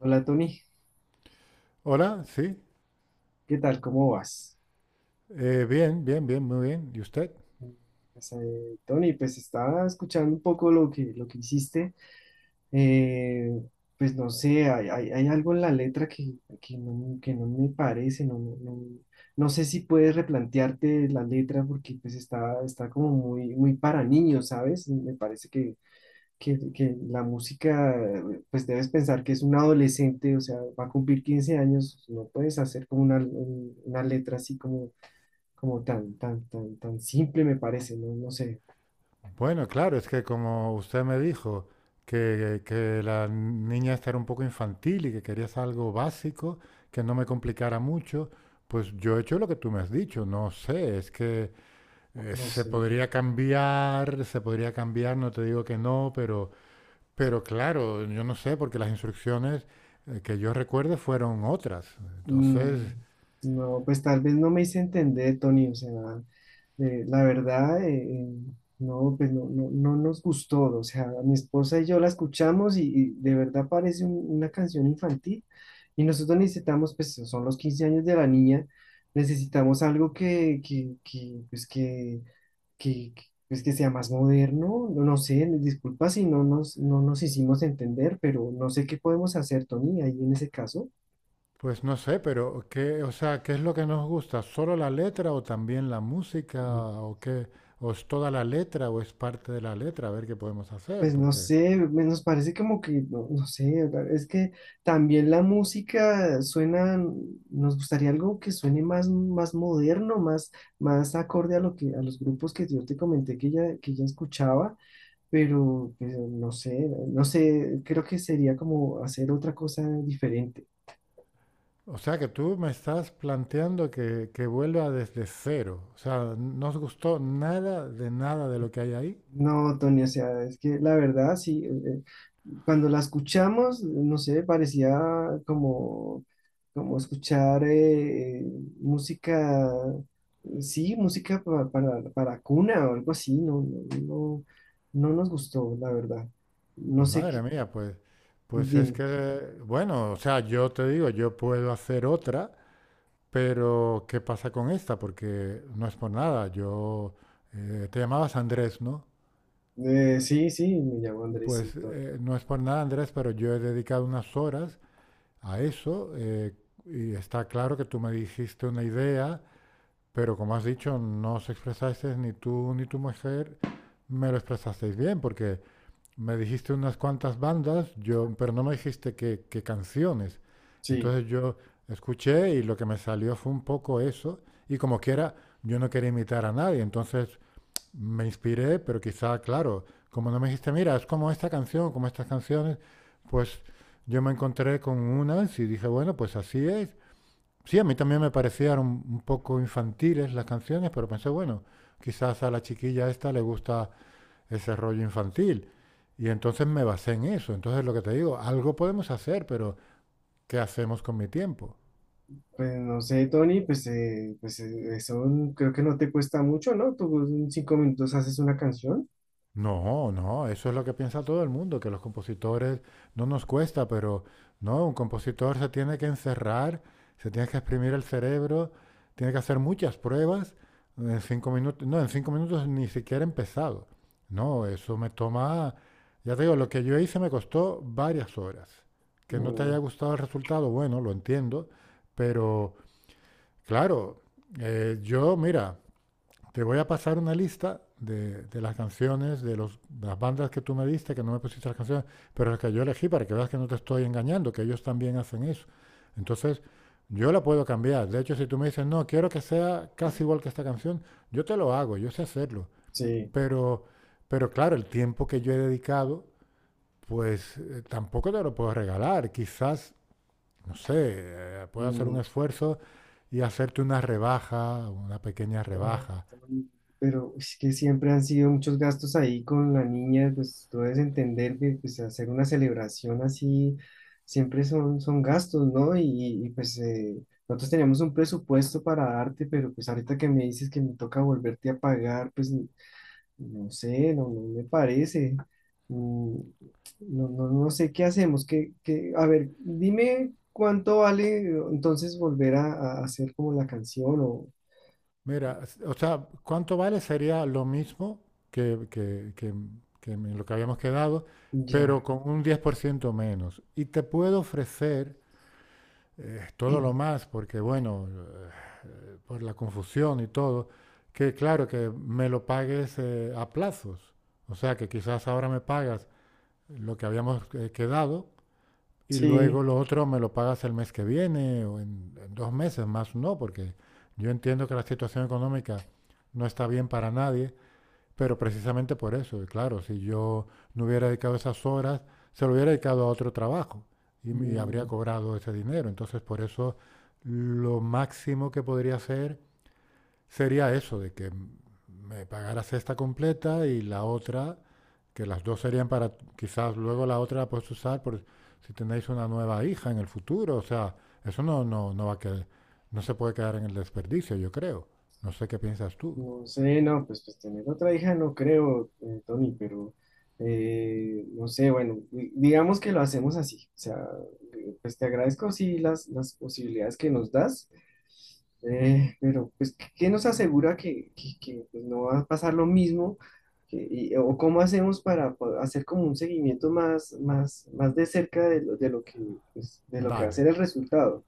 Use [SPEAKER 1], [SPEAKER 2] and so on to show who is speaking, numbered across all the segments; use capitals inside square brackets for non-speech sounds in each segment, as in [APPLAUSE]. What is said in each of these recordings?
[SPEAKER 1] Hola Tony,
[SPEAKER 2] Hola, sí.
[SPEAKER 1] ¿qué tal? ¿Cómo vas?
[SPEAKER 2] Bien, bien, bien, muy bien. ¿Y usted?
[SPEAKER 1] Eh, pues, Tony, pues estaba escuchando un poco lo que hiciste. Eh, pues no sé, hay algo en la letra que no me parece, no sé si puedes replantearte la letra porque pues está como muy, muy para niños, ¿sabes? Me parece que la música, pues debes pensar que es un adolescente, o sea, va a cumplir 15 años, no puedes hacer como una letra así como tan simple me parece, no,
[SPEAKER 2] Bueno, claro, es que como usted me dijo que la niña esta era un poco infantil y que querías algo básico, que no me complicara mucho, pues yo he hecho lo que tú me has dicho. No sé, es que
[SPEAKER 1] no
[SPEAKER 2] se
[SPEAKER 1] sé.
[SPEAKER 2] podría cambiar, no te digo que no, pero, claro, yo no sé, porque las instrucciones que yo recuerde fueron otras.
[SPEAKER 1] Mm,
[SPEAKER 2] Entonces,
[SPEAKER 1] no, pues tal vez no me hice entender, Tony, o sea, la verdad, no, pues no nos gustó, o sea, mi esposa y yo la escuchamos y de verdad parece una canción infantil y nosotros necesitamos, pues son los 15 años de la niña, necesitamos algo que sea más moderno, no, no sé, disculpa si no nos hicimos entender, pero no sé qué podemos hacer, Tony, ahí en ese caso.
[SPEAKER 2] pues no sé, pero qué, o sea, ¿qué es lo que nos gusta? ¿Solo la letra o también la música
[SPEAKER 1] Mm.
[SPEAKER 2] o qué? ¿O es toda la letra o es parte de la letra? A ver qué podemos hacer,
[SPEAKER 1] Pues no
[SPEAKER 2] porque
[SPEAKER 1] sé, nos parece como que, no, no sé, es que también la música suena, nos gustaría algo que suene más, más moderno, más, más acorde a a los grupos que yo te comenté que ya escuchaba, pero pues, no sé, creo que sería como hacer otra cosa diferente.
[SPEAKER 2] o sea que tú me estás planteando que vuelva desde cero. O sea, ¿no os gustó nada de nada de lo que hay ahí?
[SPEAKER 1] No, Tony, o sea, es que la verdad, sí, cuando la escuchamos, no sé, parecía como escuchar música, sí, música para, cuna o algo así, no, no nos gustó, la verdad. No sé
[SPEAKER 2] Madre
[SPEAKER 1] qué,
[SPEAKER 2] mía, pues, es
[SPEAKER 1] dime.
[SPEAKER 2] que, bueno, o sea, yo te digo, yo puedo hacer otra, pero ¿qué pasa con esta? Porque no es por nada. Yo Te llamabas Andrés, ¿no?
[SPEAKER 1] Sí, sí, me llamo Andrés,
[SPEAKER 2] Pues,
[SPEAKER 1] sí, Tony.
[SPEAKER 2] no es por nada, Andrés, pero yo he dedicado unas horas a eso, y está claro que tú me dijiste una idea, pero como has dicho, no os expresasteis ni tú ni tu mujer me lo expresasteis bien, porque me dijiste unas cuantas bandas, pero no me dijiste qué, canciones.
[SPEAKER 1] Sí.
[SPEAKER 2] Entonces yo escuché y lo que me salió fue un poco eso, y como quiera, yo no quería imitar a nadie, entonces me inspiré, pero quizá, claro, como no me dijiste, mira, es como esta canción, como estas canciones, pues yo me encontré con unas y dije, bueno, pues así es. Sí, a mí también me parecían un poco infantiles las canciones, pero pensé, bueno, quizás a la chiquilla esta le gusta ese rollo infantil. Y entonces me basé en eso. Entonces lo que te digo, algo podemos hacer, pero ¿qué hacemos con mi tiempo?
[SPEAKER 1] Pues no sé, Tony, pues, eso creo que no te cuesta mucho, ¿no? Tú en 5 minutos haces una canción.
[SPEAKER 2] No, no, eso es lo que piensa todo el mundo, que los compositores no nos cuesta, pero no, un compositor se tiene que encerrar, se tiene que exprimir el cerebro, tiene que hacer muchas pruebas en 5 minutos. No, en cinco minutos ni siquiera he empezado. No, eso me toma, ya te digo, lo que yo hice me costó varias horas. Que no te haya
[SPEAKER 1] Mm,
[SPEAKER 2] gustado el resultado, bueno, lo entiendo, pero claro, mira, te voy a pasar una lista de las canciones, de las bandas que tú me diste, que no me pusiste las canciones, pero las que yo elegí para que veas que no te estoy engañando, que ellos también hacen eso. Entonces, yo la puedo cambiar. De hecho, si tú me dices, no, quiero que sea casi igual que esta canción, yo te lo hago, yo sé hacerlo.
[SPEAKER 1] sí.
[SPEAKER 2] Pero, claro, el tiempo que yo he dedicado, pues, tampoco te lo puedo regalar. Quizás, no sé, puedo hacer un
[SPEAKER 1] Mm,
[SPEAKER 2] esfuerzo y hacerte una rebaja, una pequeña
[SPEAKER 1] ay,
[SPEAKER 2] rebaja.
[SPEAKER 1] Tony, pero es que siempre han sido muchos gastos ahí con la niña, pues tú debes entender que pues, hacer una celebración así siempre son gastos, ¿no? Y, pues nosotros teníamos un presupuesto para darte, pero pues ahorita que me dices que me toca volverte a pagar, pues no sé, no me parece. Mm, No, no, no sé qué hacemos. A ver, dime cuánto vale entonces volver a hacer como la canción o
[SPEAKER 2] Mira, o sea, ¿cuánto vale? Sería lo mismo que, que- que- que en lo que habíamos quedado, pero
[SPEAKER 1] ya.
[SPEAKER 2] con un 10% menos. Y te puedo ofrecer, todo lo más, porque bueno, por la confusión y todo, que claro, que me lo pagues, a plazos. O sea, que quizás ahora me pagas lo que habíamos, quedado y luego
[SPEAKER 1] Sí.
[SPEAKER 2] lo otro me lo pagas el mes que viene o en, 2 meses más, no, porque yo entiendo que la situación económica no está bien para nadie, pero precisamente por eso, y claro, si yo no hubiera dedicado esas horas, se lo hubiera dedicado a otro trabajo y habría cobrado ese dinero. Entonces, por eso lo máximo que podría hacer sería eso, de que me pagaras esta completa y la otra, que las dos serían para quizás luego la otra la puedes usar por si tenéis una nueva hija en el futuro. O sea, eso no no no va a quedar, no se puede quedar en el desperdicio, yo creo. No sé qué piensas tú.
[SPEAKER 1] No sé, no, pues tener otra hija no creo, Tony, pero no sé, bueno, digamos que lo hacemos así, o sea, pues te agradezco sí las posibilidades que nos das, pero pues, qué nos asegura no va a pasar lo mismo? O cómo hacemos para hacer como un seguimiento más, más, más de cerca de lo que va a
[SPEAKER 2] Vale.
[SPEAKER 1] ser el resultado?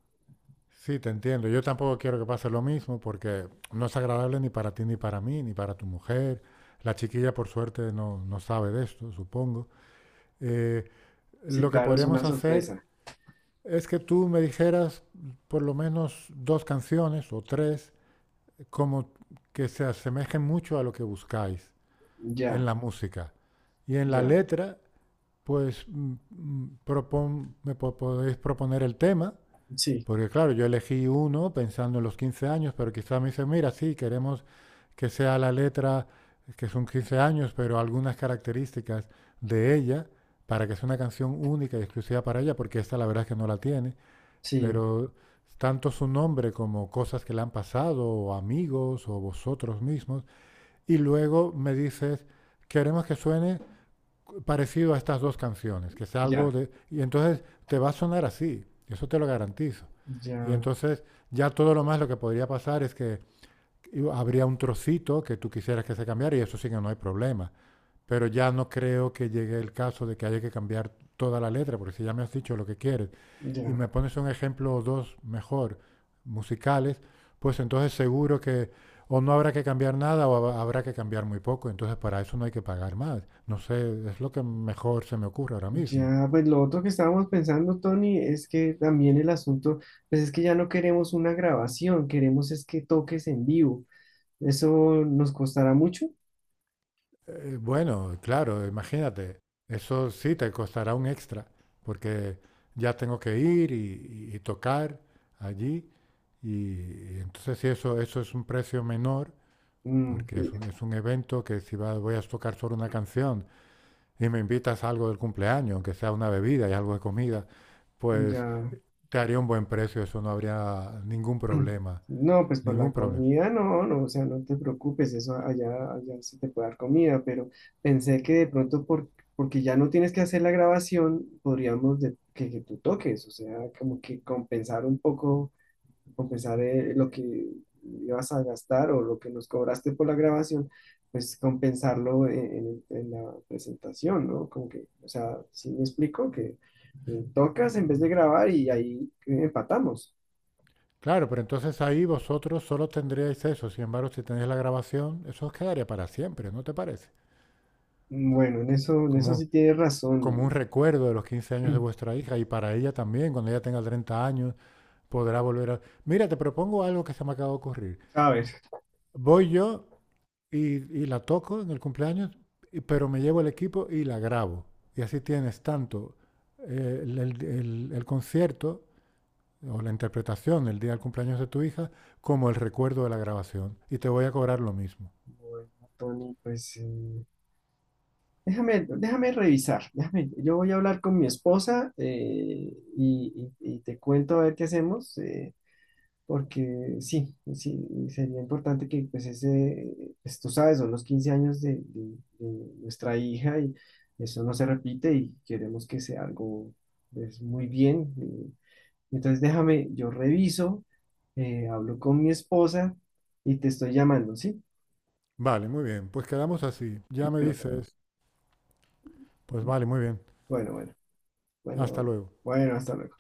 [SPEAKER 2] Sí, te entiendo. Yo tampoco quiero que pase lo mismo porque no es agradable ni para ti ni para mí, ni para tu mujer. La chiquilla, por suerte, no, no sabe de esto, supongo. Eh,
[SPEAKER 1] Sí,
[SPEAKER 2] lo que
[SPEAKER 1] claro, es
[SPEAKER 2] podríamos
[SPEAKER 1] una
[SPEAKER 2] hacer
[SPEAKER 1] sorpresa.
[SPEAKER 2] es que tú me dijeras por lo menos dos canciones o tres, como que se asemejen mucho a lo que buscáis en
[SPEAKER 1] Ya,
[SPEAKER 2] la música. Y en la
[SPEAKER 1] ya,
[SPEAKER 2] letra, pues podéis proponer el tema,
[SPEAKER 1] sí,
[SPEAKER 2] porque claro, yo elegí uno pensando en los 15 años, pero quizás me dicen, mira, sí, queremos que sea la letra, que son 15 años, pero algunas características de ella, para que sea una canción única y exclusiva para ella, porque esta la verdad es que no la tiene,
[SPEAKER 1] sí,
[SPEAKER 2] pero tanto su nombre como cosas que le han pasado, o amigos, o vosotros mismos, y luego me dices, queremos que suene parecido a estas dos canciones, que sea algo
[SPEAKER 1] ya,
[SPEAKER 2] de. Y entonces te va a sonar así, eso te lo garantizo. Y
[SPEAKER 1] ya,
[SPEAKER 2] entonces ya todo lo más lo que podría pasar es que habría un trocito que tú quisieras que se cambiara, y eso sí que no hay problema. Pero ya no creo que llegue el caso de que haya que cambiar toda la letra, porque si ya me has dicho lo que quieres y
[SPEAKER 1] ya,
[SPEAKER 2] me pones un ejemplo o dos mejor musicales, pues entonces seguro que o no habrá que cambiar nada o habrá que cambiar muy poco. Entonces para eso no hay que pagar más. No sé, es lo que mejor se me ocurre ahora mismo.
[SPEAKER 1] ya. Pues lo otro que estábamos pensando, Tony, es que también el asunto, pues es que ya no queremos una grabación, queremos es que toques en vivo. ¿Eso nos costará mucho?
[SPEAKER 2] Bueno, claro, imagínate, eso sí te costará un extra, porque ya tengo que ir y tocar allí. Y entonces si eso, es un precio menor,
[SPEAKER 1] Mm,
[SPEAKER 2] porque es un, es un evento que si voy a tocar solo una canción, y me invitas a algo del cumpleaños, aunque sea una bebida y algo de comida, pues
[SPEAKER 1] ya.
[SPEAKER 2] te haría un buen precio, eso no habría ningún
[SPEAKER 1] [CLEARS THROAT]
[SPEAKER 2] problema,
[SPEAKER 1] No, pues por
[SPEAKER 2] ningún
[SPEAKER 1] la
[SPEAKER 2] problema.
[SPEAKER 1] comida no, no, o sea, no te preocupes, eso allá se te puede dar comida, pero pensé que de pronto porque ya no tienes que hacer la grabación, podríamos que tú toques, o sea, como que compensar un poco, compensar lo que ibas a gastar o lo que nos cobraste por la grabación, pues compensarlo en la presentación, ¿no? Como que, o sea, sí me explico que tocas en vez de grabar y ahí empatamos.
[SPEAKER 2] Claro, pero entonces ahí vosotros solo tendríais eso, sin embargo, si tenéis la grabación, eso os quedaría para siempre, ¿no te parece?
[SPEAKER 1] Bueno, en eso
[SPEAKER 2] Como,
[SPEAKER 1] sí tienes
[SPEAKER 2] como un
[SPEAKER 1] razón.
[SPEAKER 2] recuerdo de los 15 años de
[SPEAKER 1] [CLEARS THROAT]
[SPEAKER 2] vuestra hija, y para ella también, cuando ella tenga 30 años, podrá volver a. Mira, te propongo algo que se me acaba de ocurrir.
[SPEAKER 1] A ver,
[SPEAKER 2] Voy yo y la toco en el cumpleaños, pero me llevo el equipo y la grabo. Y así tienes tanto, el concierto o la interpretación el día del cumpleaños de tu hija, como el recuerdo de la grabación. Y te voy a cobrar lo mismo.
[SPEAKER 1] bueno, Tony, pues déjame, revisar. Déjame, yo voy a hablar con mi esposa y, y te cuento a ver qué hacemos, porque sí, sí, sería importante que pues ese, pues, tú sabes, son los 15 años de, de nuestra hija y eso no se repite y queremos que sea algo pues, muy bien. Entonces déjame, yo reviso, hablo con mi esposa y te estoy llamando, ¿sí?
[SPEAKER 2] Vale, muy bien. Pues quedamos así. Ya me
[SPEAKER 1] Bueno,
[SPEAKER 2] dices, pues vale, muy bien.
[SPEAKER 1] bueno, bueno,
[SPEAKER 2] Hasta
[SPEAKER 1] bueno,
[SPEAKER 2] luego.
[SPEAKER 1] bueno, hasta luego.